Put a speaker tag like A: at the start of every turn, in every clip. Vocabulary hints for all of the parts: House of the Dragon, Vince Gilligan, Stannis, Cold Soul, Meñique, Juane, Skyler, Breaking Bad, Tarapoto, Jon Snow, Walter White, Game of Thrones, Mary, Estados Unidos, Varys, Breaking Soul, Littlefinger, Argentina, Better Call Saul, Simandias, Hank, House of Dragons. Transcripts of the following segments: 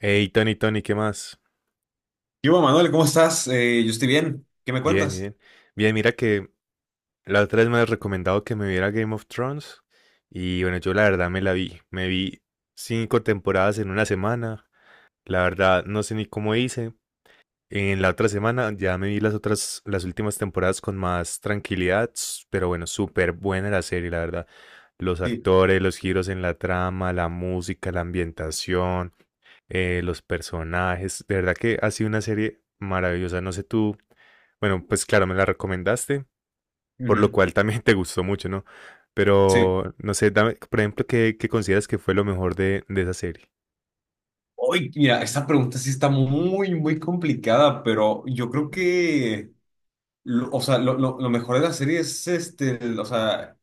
A: Hey, Tony, Tony, ¿qué más?
B: Yo, Manuel, ¿cómo estás? Yo estoy bien. ¿Qué me
A: Bien,
B: cuentas?
A: bien. Bien, mira que la otra vez me has recomendado que me viera Game of Thrones y bueno, yo la verdad me la vi. Me vi cinco temporadas en una semana. La verdad no sé ni cómo hice. En la otra semana ya me vi las otras, las últimas temporadas con más tranquilidad, pero bueno, súper buena la serie, la verdad. Los
B: Sí.
A: actores, los giros en la trama, la música, la ambientación. Los personajes. De verdad que ha sido una serie maravillosa. No sé tú, bueno, pues claro, me la recomendaste, por lo
B: Ujú.
A: cual también te gustó mucho, ¿no?
B: Sí.
A: Pero no sé, dame, por ejemplo, ¿qué consideras que fue lo mejor de esa serie?
B: Hoy, mira, esta pregunta sí está muy, muy complicada, pero yo creo que, lo mejor de la serie es este, el- o sea,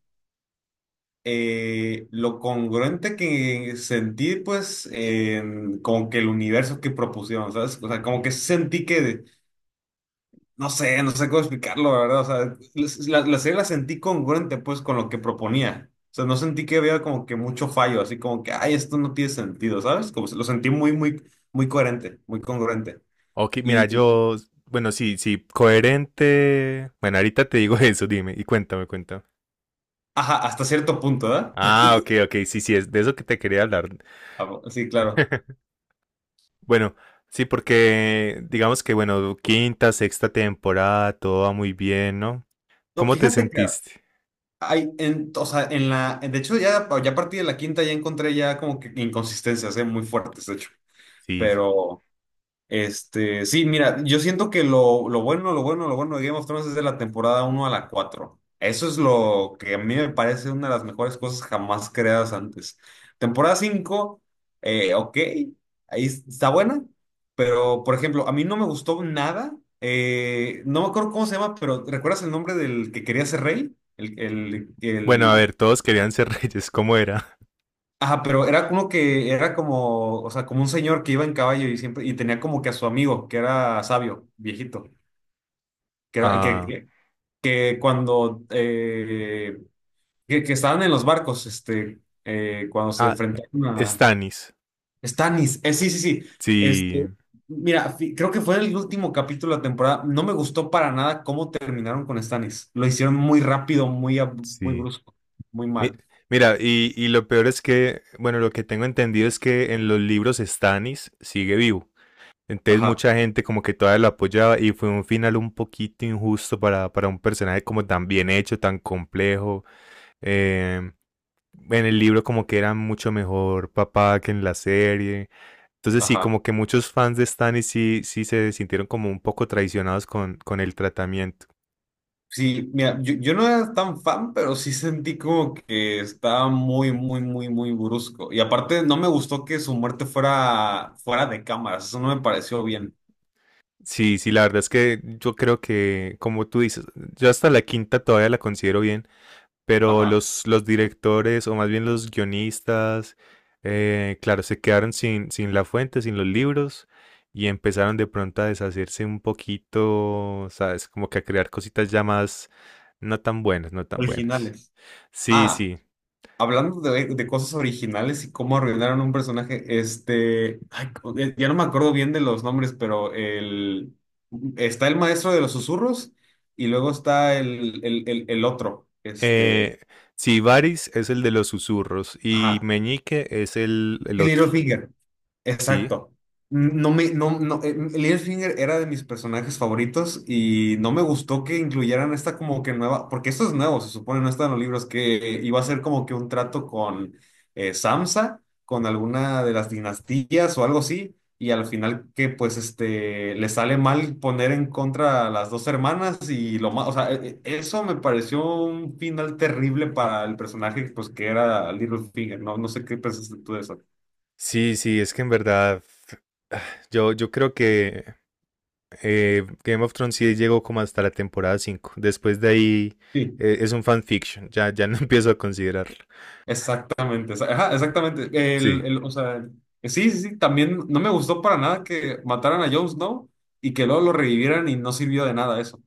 B: eh, lo congruente que sentí, pues, en como que el universo que propusieron, ¿sabes? O sea, como que sentí que no sé, no sé cómo explicarlo, la verdad. O sea, la serie la sentí congruente, pues, con lo que proponía. O sea, no sentí que había como que mucho fallo, así como que, ay, esto no tiene sentido, ¿sabes? Lo sentí muy, muy coherente, muy congruente.
A: Ok, mira,
B: Y,
A: yo, bueno, sí, sí, coherente. Bueno, ahorita te digo eso, dime, y cuéntame, cuéntame.
B: ajá, hasta cierto punto, ¿verdad?
A: Ah, ok, ok, sí, sí, es de eso que te quería hablar.
B: Sí, claro.
A: Bueno, sí, porque digamos que, bueno, quinta, sexta temporada, todo va muy bien, ¿no?
B: No,
A: ¿Cómo te
B: fíjate que
A: sentiste?
B: hay, en, o sea, en la, de hecho, ya a partir de la quinta ya encontré ya como que inconsistencias, ¿eh? Muy fuertes, de hecho.
A: Sí, sí.
B: Pero... Este, sí, mira, yo siento que lo bueno de Game of Thrones es de la temporada uno a la cuatro. Eso es lo que a mí me parece una de las mejores cosas jamás creadas antes. Temporada cinco, ok, ahí está buena, pero por ejemplo, a mí no me gustó nada. No me acuerdo cómo se llama, pero ¿recuerdas el nombre del que quería ser rey?
A: Bueno, a ver, todos querían ser reyes, ¿cómo era?
B: Ajá, pero era como que, era como, o sea, como un señor que iba en caballo y siempre, y tenía como que a su amigo, que era sabio, viejito, que era, que,
A: Ah,
B: que, que cuando, que estaban en los barcos, cuando se
A: ah,
B: enfrentaron a
A: Stannis.
B: Stannis, sí, sí, sí,
A: Sí,
B: este, mira, creo que fue el último capítulo de la temporada, no me gustó para nada cómo terminaron con Stannis, lo hicieron muy rápido, muy
A: sí.
B: brusco, muy
A: Mi-
B: mal,
A: mira, y lo peor es que, bueno, lo que tengo entendido es que en los libros Stannis sigue vivo. Entonces
B: ajá,
A: mucha gente como que todavía lo apoyaba y fue un final un poquito injusto para un personaje como tan bien hecho, tan complejo. Em, en el libro como que era mucho mejor papá que en la serie. Entonces sí,
B: ajá.
A: como que muchos fans de Stannis sí, sí se sintieron como un poco traicionados con el tratamiento.
B: Sí, mira, yo no era tan fan, pero sí sentí como que estaba muy brusco. Y aparte, no me gustó que su muerte fuera fuera de cámaras. Eso no me pareció bien.
A: Sí, sí, la verdad es que yo creo que, como tú dices, yo hasta la quinta todavía la considero bien, pero
B: Ajá.
A: los directores, o más bien los guionistas, claro, se quedaron sin la fuente, sin los libros, y empezaron de pronto a deshacerse un poquito, ¿sabes? Como que a crear cositas ya más no tan buenas, no tan buenas.
B: Originales.
A: Sí,
B: Ah,
A: sí,
B: hablando de cosas originales y cómo arruinaron un personaje, ya no me acuerdo bien de los nombres, pero el, está el maestro de los susurros y luego está el otro, este,
A: Eh, sí, Varys es el de los susurros y
B: ajá,
A: Meñique es el otro.
B: Littlefinger.
A: Sí,
B: Exacto. No me, no, no, Littlefinger era de mis personajes favoritos y no me gustó que incluyeran esta como que nueva, porque esto es nuevo, se supone, no está en los libros, que iba a ser como que un trato con Samsa, con alguna de las dinastías o algo así, y al final que pues este, le sale mal poner en contra a las dos hermanas y lo más, o sea, eso me pareció un final terrible para el personaje pues que era Littlefinger, no sé qué pensaste tú de eso.
A: sí, sí, es que en verdad ah, yo creo que Game of Thrones sí llegó como hasta la temporada 5. Después de ahí
B: Sí.
A: es un fanfiction, ya, ya no empiezo a considerarlo.
B: Exactamente, ajá, exactamente.
A: Sí,
B: El, el- o sea, sí, sí, sí, también no me gustó para nada que mataran a Jon Snow y que luego lo revivieran y no sirvió de nada eso.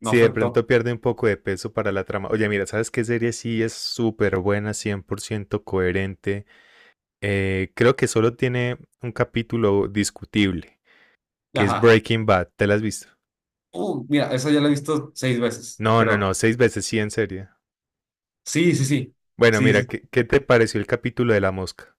B: No
A: sí, de
B: afectó.
A: pronto pierde un poco de peso para la trama. Oye, mira, ¿sabes qué serie sí es súper buena, 100% coherente? Creo que solo tiene un capítulo discutible, que es
B: Ajá.
A: Breaking Bad. ¿Te la has visto?
B: Mira, esa ya la he visto 6 veces,
A: No, no, no,
B: creo.
A: seis veces sí, en serio.
B: Sí, sí, sí.
A: Bueno,
B: Sí,
A: mira,
B: sí,
A: ¿qué te pareció el capítulo de la mosca?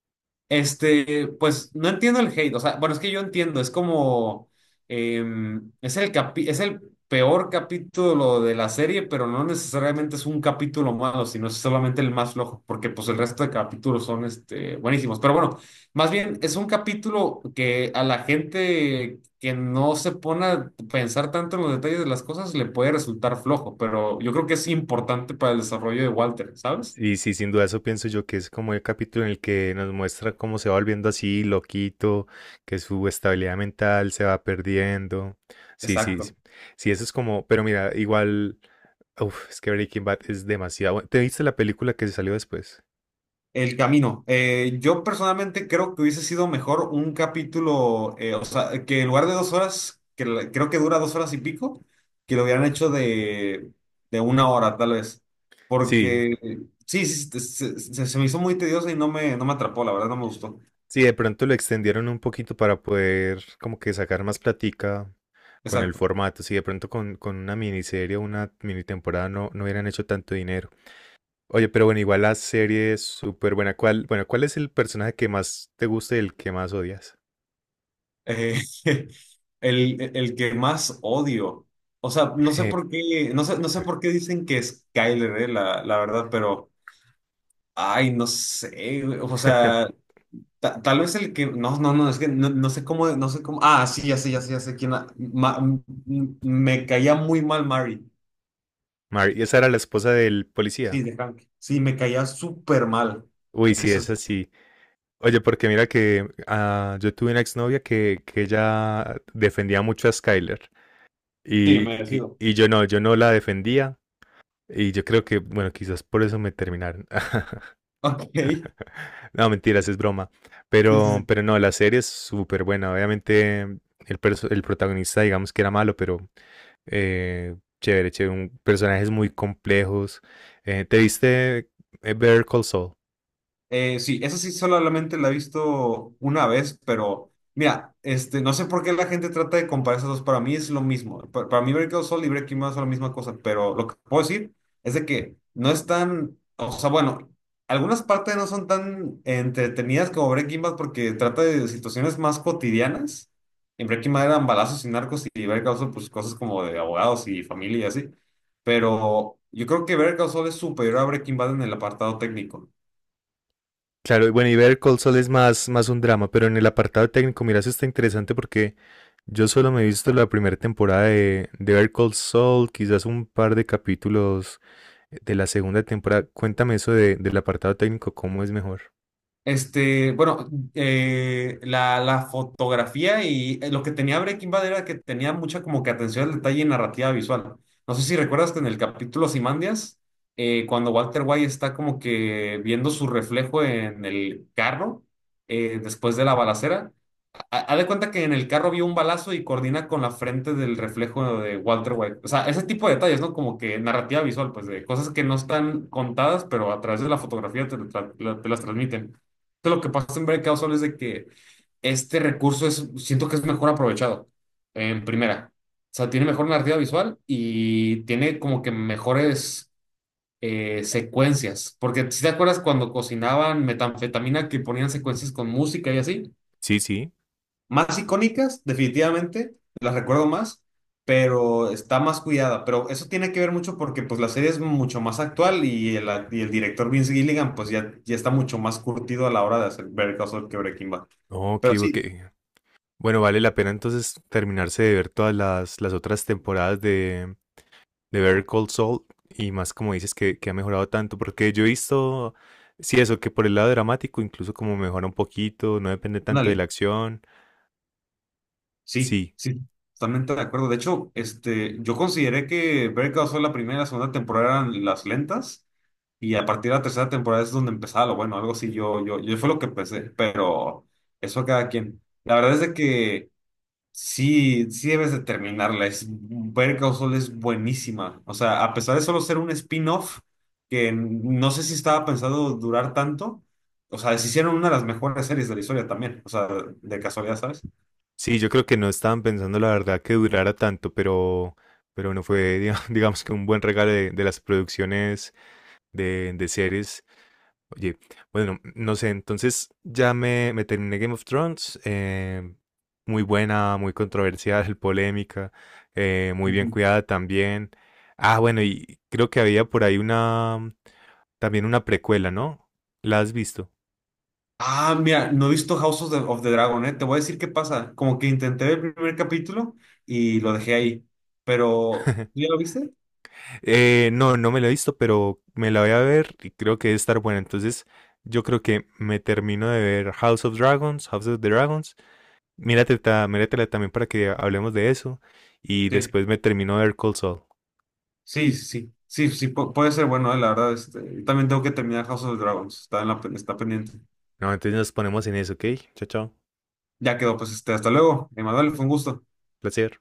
B: este, pues no entiendo el hate, o sea, bueno, es que yo entiendo, es como, es es el peor capítulo de la serie, pero no necesariamente es un capítulo malo, sino es solamente el más flojo, porque pues el resto de capítulos son, este, buenísimos. Pero bueno, más bien es un capítulo que a la gente que no se pone a pensar tanto en los detalles de las cosas le puede resultar flojo, pero yo creo que es importante para el desarrollo de Walter, ¿sabes?
A: Y sí, sin duda eso pienso yo que es como el capítulo en el que nos muestra cómo se va volviendo así, loquito, que su estabilidad mental se va perdiendo. Sí, sí, sí,
B: Exacto.
A: sí, eso es como, pero mira, igual, uf, es que Breaking Bad es demasiado bueno. ¿Te viste la película que se salió después?
B: El camino. Yo personalmente creo que hubiese sido mejor un capítulo, que en lugar de 2 horas, que creo que dura 2 horas y pico, que lo hubieran hecho de 1 hora, tal vez.
A: Sí,
B: Porque sí, sí, se me hizo muy tedioso y no me atrapó, la verdad, no me gustó.
A: sí, de pronto lo extendieron un poquito para poder como que sacar más platica con el
B: Exacto.
A: formato. Si de pronto con una miniserie o una mini temporada no, no hubieran hecho tanto dinero. Oye, pero bueno, igual la serie es súper buena. ¿Cuál es el personaje que más te gusta y el que más odias?
B: Eh, el que más odio. O sea, no sé por qué, no sé por qué dicen que es Skyler, la, la verdad, pero. Ay, no sé, güey, o sea. Tal vez el que. No, no, no, es que no, no sé cómo. No sé cómo. Ah, sí, ya sé, ya sé, ya sé quién. Me caía muy mal Mary.
A: Mary, esa era la esposa del policía.
B: Sí, de Hank. Sí, me caía súper mal.
A: Uy, sí,
B: Eso
A: es
B: es.
A: así. Oye, porque mira que yo tuve una exnovia que ella defendía mucho a Skyler.
B: Sí,
A: Y, y,
B: merecido.
A: y yo no, yo no la defendía. Y yo creo que, bueno, quizás por eso me terminaron.
B: Ok. Sí,
A: No, mentiras, es broma.
B: sí,
A: Pero,
B: sí.
A: pero no, la serie es súper buena. Obviamente, el protagonista, digamos que era malo, pero chévere, chévere. Personajes muy complejos. ¿Te viste Better Call Saul?
B: Sí, esa sí solamente la he visto una vez, pero mira, este, no sé por qué la gente trata de comparar esas dos. Para mí es lo mismo. Para mí, Breaking Soul y Breaking Bad son la misma cosa, pero lo que puedo decir es de que no están, o sea, bueno, algunas partes no son tan entretenidas como Breaking Bad porque trata de situaciones más cotidianas. En Breaking Bad eran balazos y narcos y Better Call Saul, pues cosas como de abogados y familia y así. Pero yo creo que Better Call Saul es superior a Breaking Bad en el apartado técnico.
A: Claro, y bueno, y Better Call Saul es más, más un drama, pero en el apartado técnico, mira, eso está interesante porque yo solo me he visto la primera temporada de Better Call Saul, quizás un par de capítulos de la segunda temporada. Cuéntame eso del apartado técnico, cómo es mejor.
B: Este, bueno, la fotografía y lo que tenía Breaking Bad era que tenía mucha como que atención al detalle y narrativa visual. No sé si recuerdas que en el capítulo Simandias, cuando Walter White está como que viendo su reflejo en el carro después de la balacera, haz de cuenta que en el carro vio un balazo y coordina con la frente del reflejo de Walter White. O sea, ese tipo de detalles, ¿no? Como que narrativa visual, pues de cosas que no están contadas, pero a través de la fotografía te las transmiten. Entonces, lo que pasa en Breakout Solo es de que este recurso es, siento que es mejor aprovechado en primera. O sea, tiene mejor narrativa visual y tiene como que mejores secuencias. Porque si te acuerdas cuando cocinaban metanfetamina que ponían secuencias con música y así.
A: Sí, sí.
B: Más icónicas, definitivamente, las recuerdo más, pero está más cuidada. Pero eso tiene que ver mucho porque pues la serie es mucho más actual y el director Vince Gilligan pues ya está mucho más curtido a la hora de hacer Better Call Saul que Breaking Bad.
A: Ok,
B: Pero
A: ok.
B: sí,
A: Bueno, vale la pena entonces terminarse de ver todas las otras temporadas de Better Call Saul y más como dices que ha mejorado tanto, porque yo he visto, sí, eso, que por el lado dramático incluso como mejora un poquito, no depende tanto de la
B: ándale,
A: acción.
B: sí,
A: Sí,
B: sí, totalmente de acuerdo. De hecho, este, yo consideré que Better Call Saul la primera y la segunda temporada eran las lentas y a partir de la tercera temporada es donde empezaba lo bueno, algo así yo fue lo que pensé, pero eso a cada quien. La verdad es de que... Sí, sí debes de terminarla. Es, Better Call es buenísima. O sea, a pesar de solo ser un spin-off, que no sé si estaba pensado durar tanto, o sea, se hicieron una de las mejores series de la historia también. O sea, de casualidad, ¿sabes?
A: sí, yo creo que no estaban pensando la verdad que durara tanto, pero bueno, fue digamos que un buen regalo de las producciones de series. Oye, bueno, no sé, entonces ya me terminé Game of Thrones, muy buena, muy controversial, polémica, muy bien
B: Ujú.
A: cuidada también. Ah, bueno, y creo que había por ahí una, también una precuela, ¿no? ¿La has visto?
B: Ah, mira, no he visto of the Dragon, ¿eh? Te voy a decir qué pasa. Como que intenté ver el primer capítulo y lo dejé ahí. Pero, ¿tú ¿ya lo viste?
A: No, no me la he visto, pero me la voy a ver y creo que debe estar buena. Entonces, yo creo que me termino de ver House of the Dragons, Mírate, míratela también para que hablemos de eso. Y
B: Sí,
A: después me termino de ver Cold Soul.
B: sí, sí. Sí, sí, puede ser bueno, la verdad. Este, yo también tengo que terminar House of the Dragons. Está en está pendiente.
A: No, entonces nos ponemos en eso, ¿ok? Chao, chao.
B: Ya quedó, pues este, hasta luego. Emanuel, fue un gusto.
A: Placer.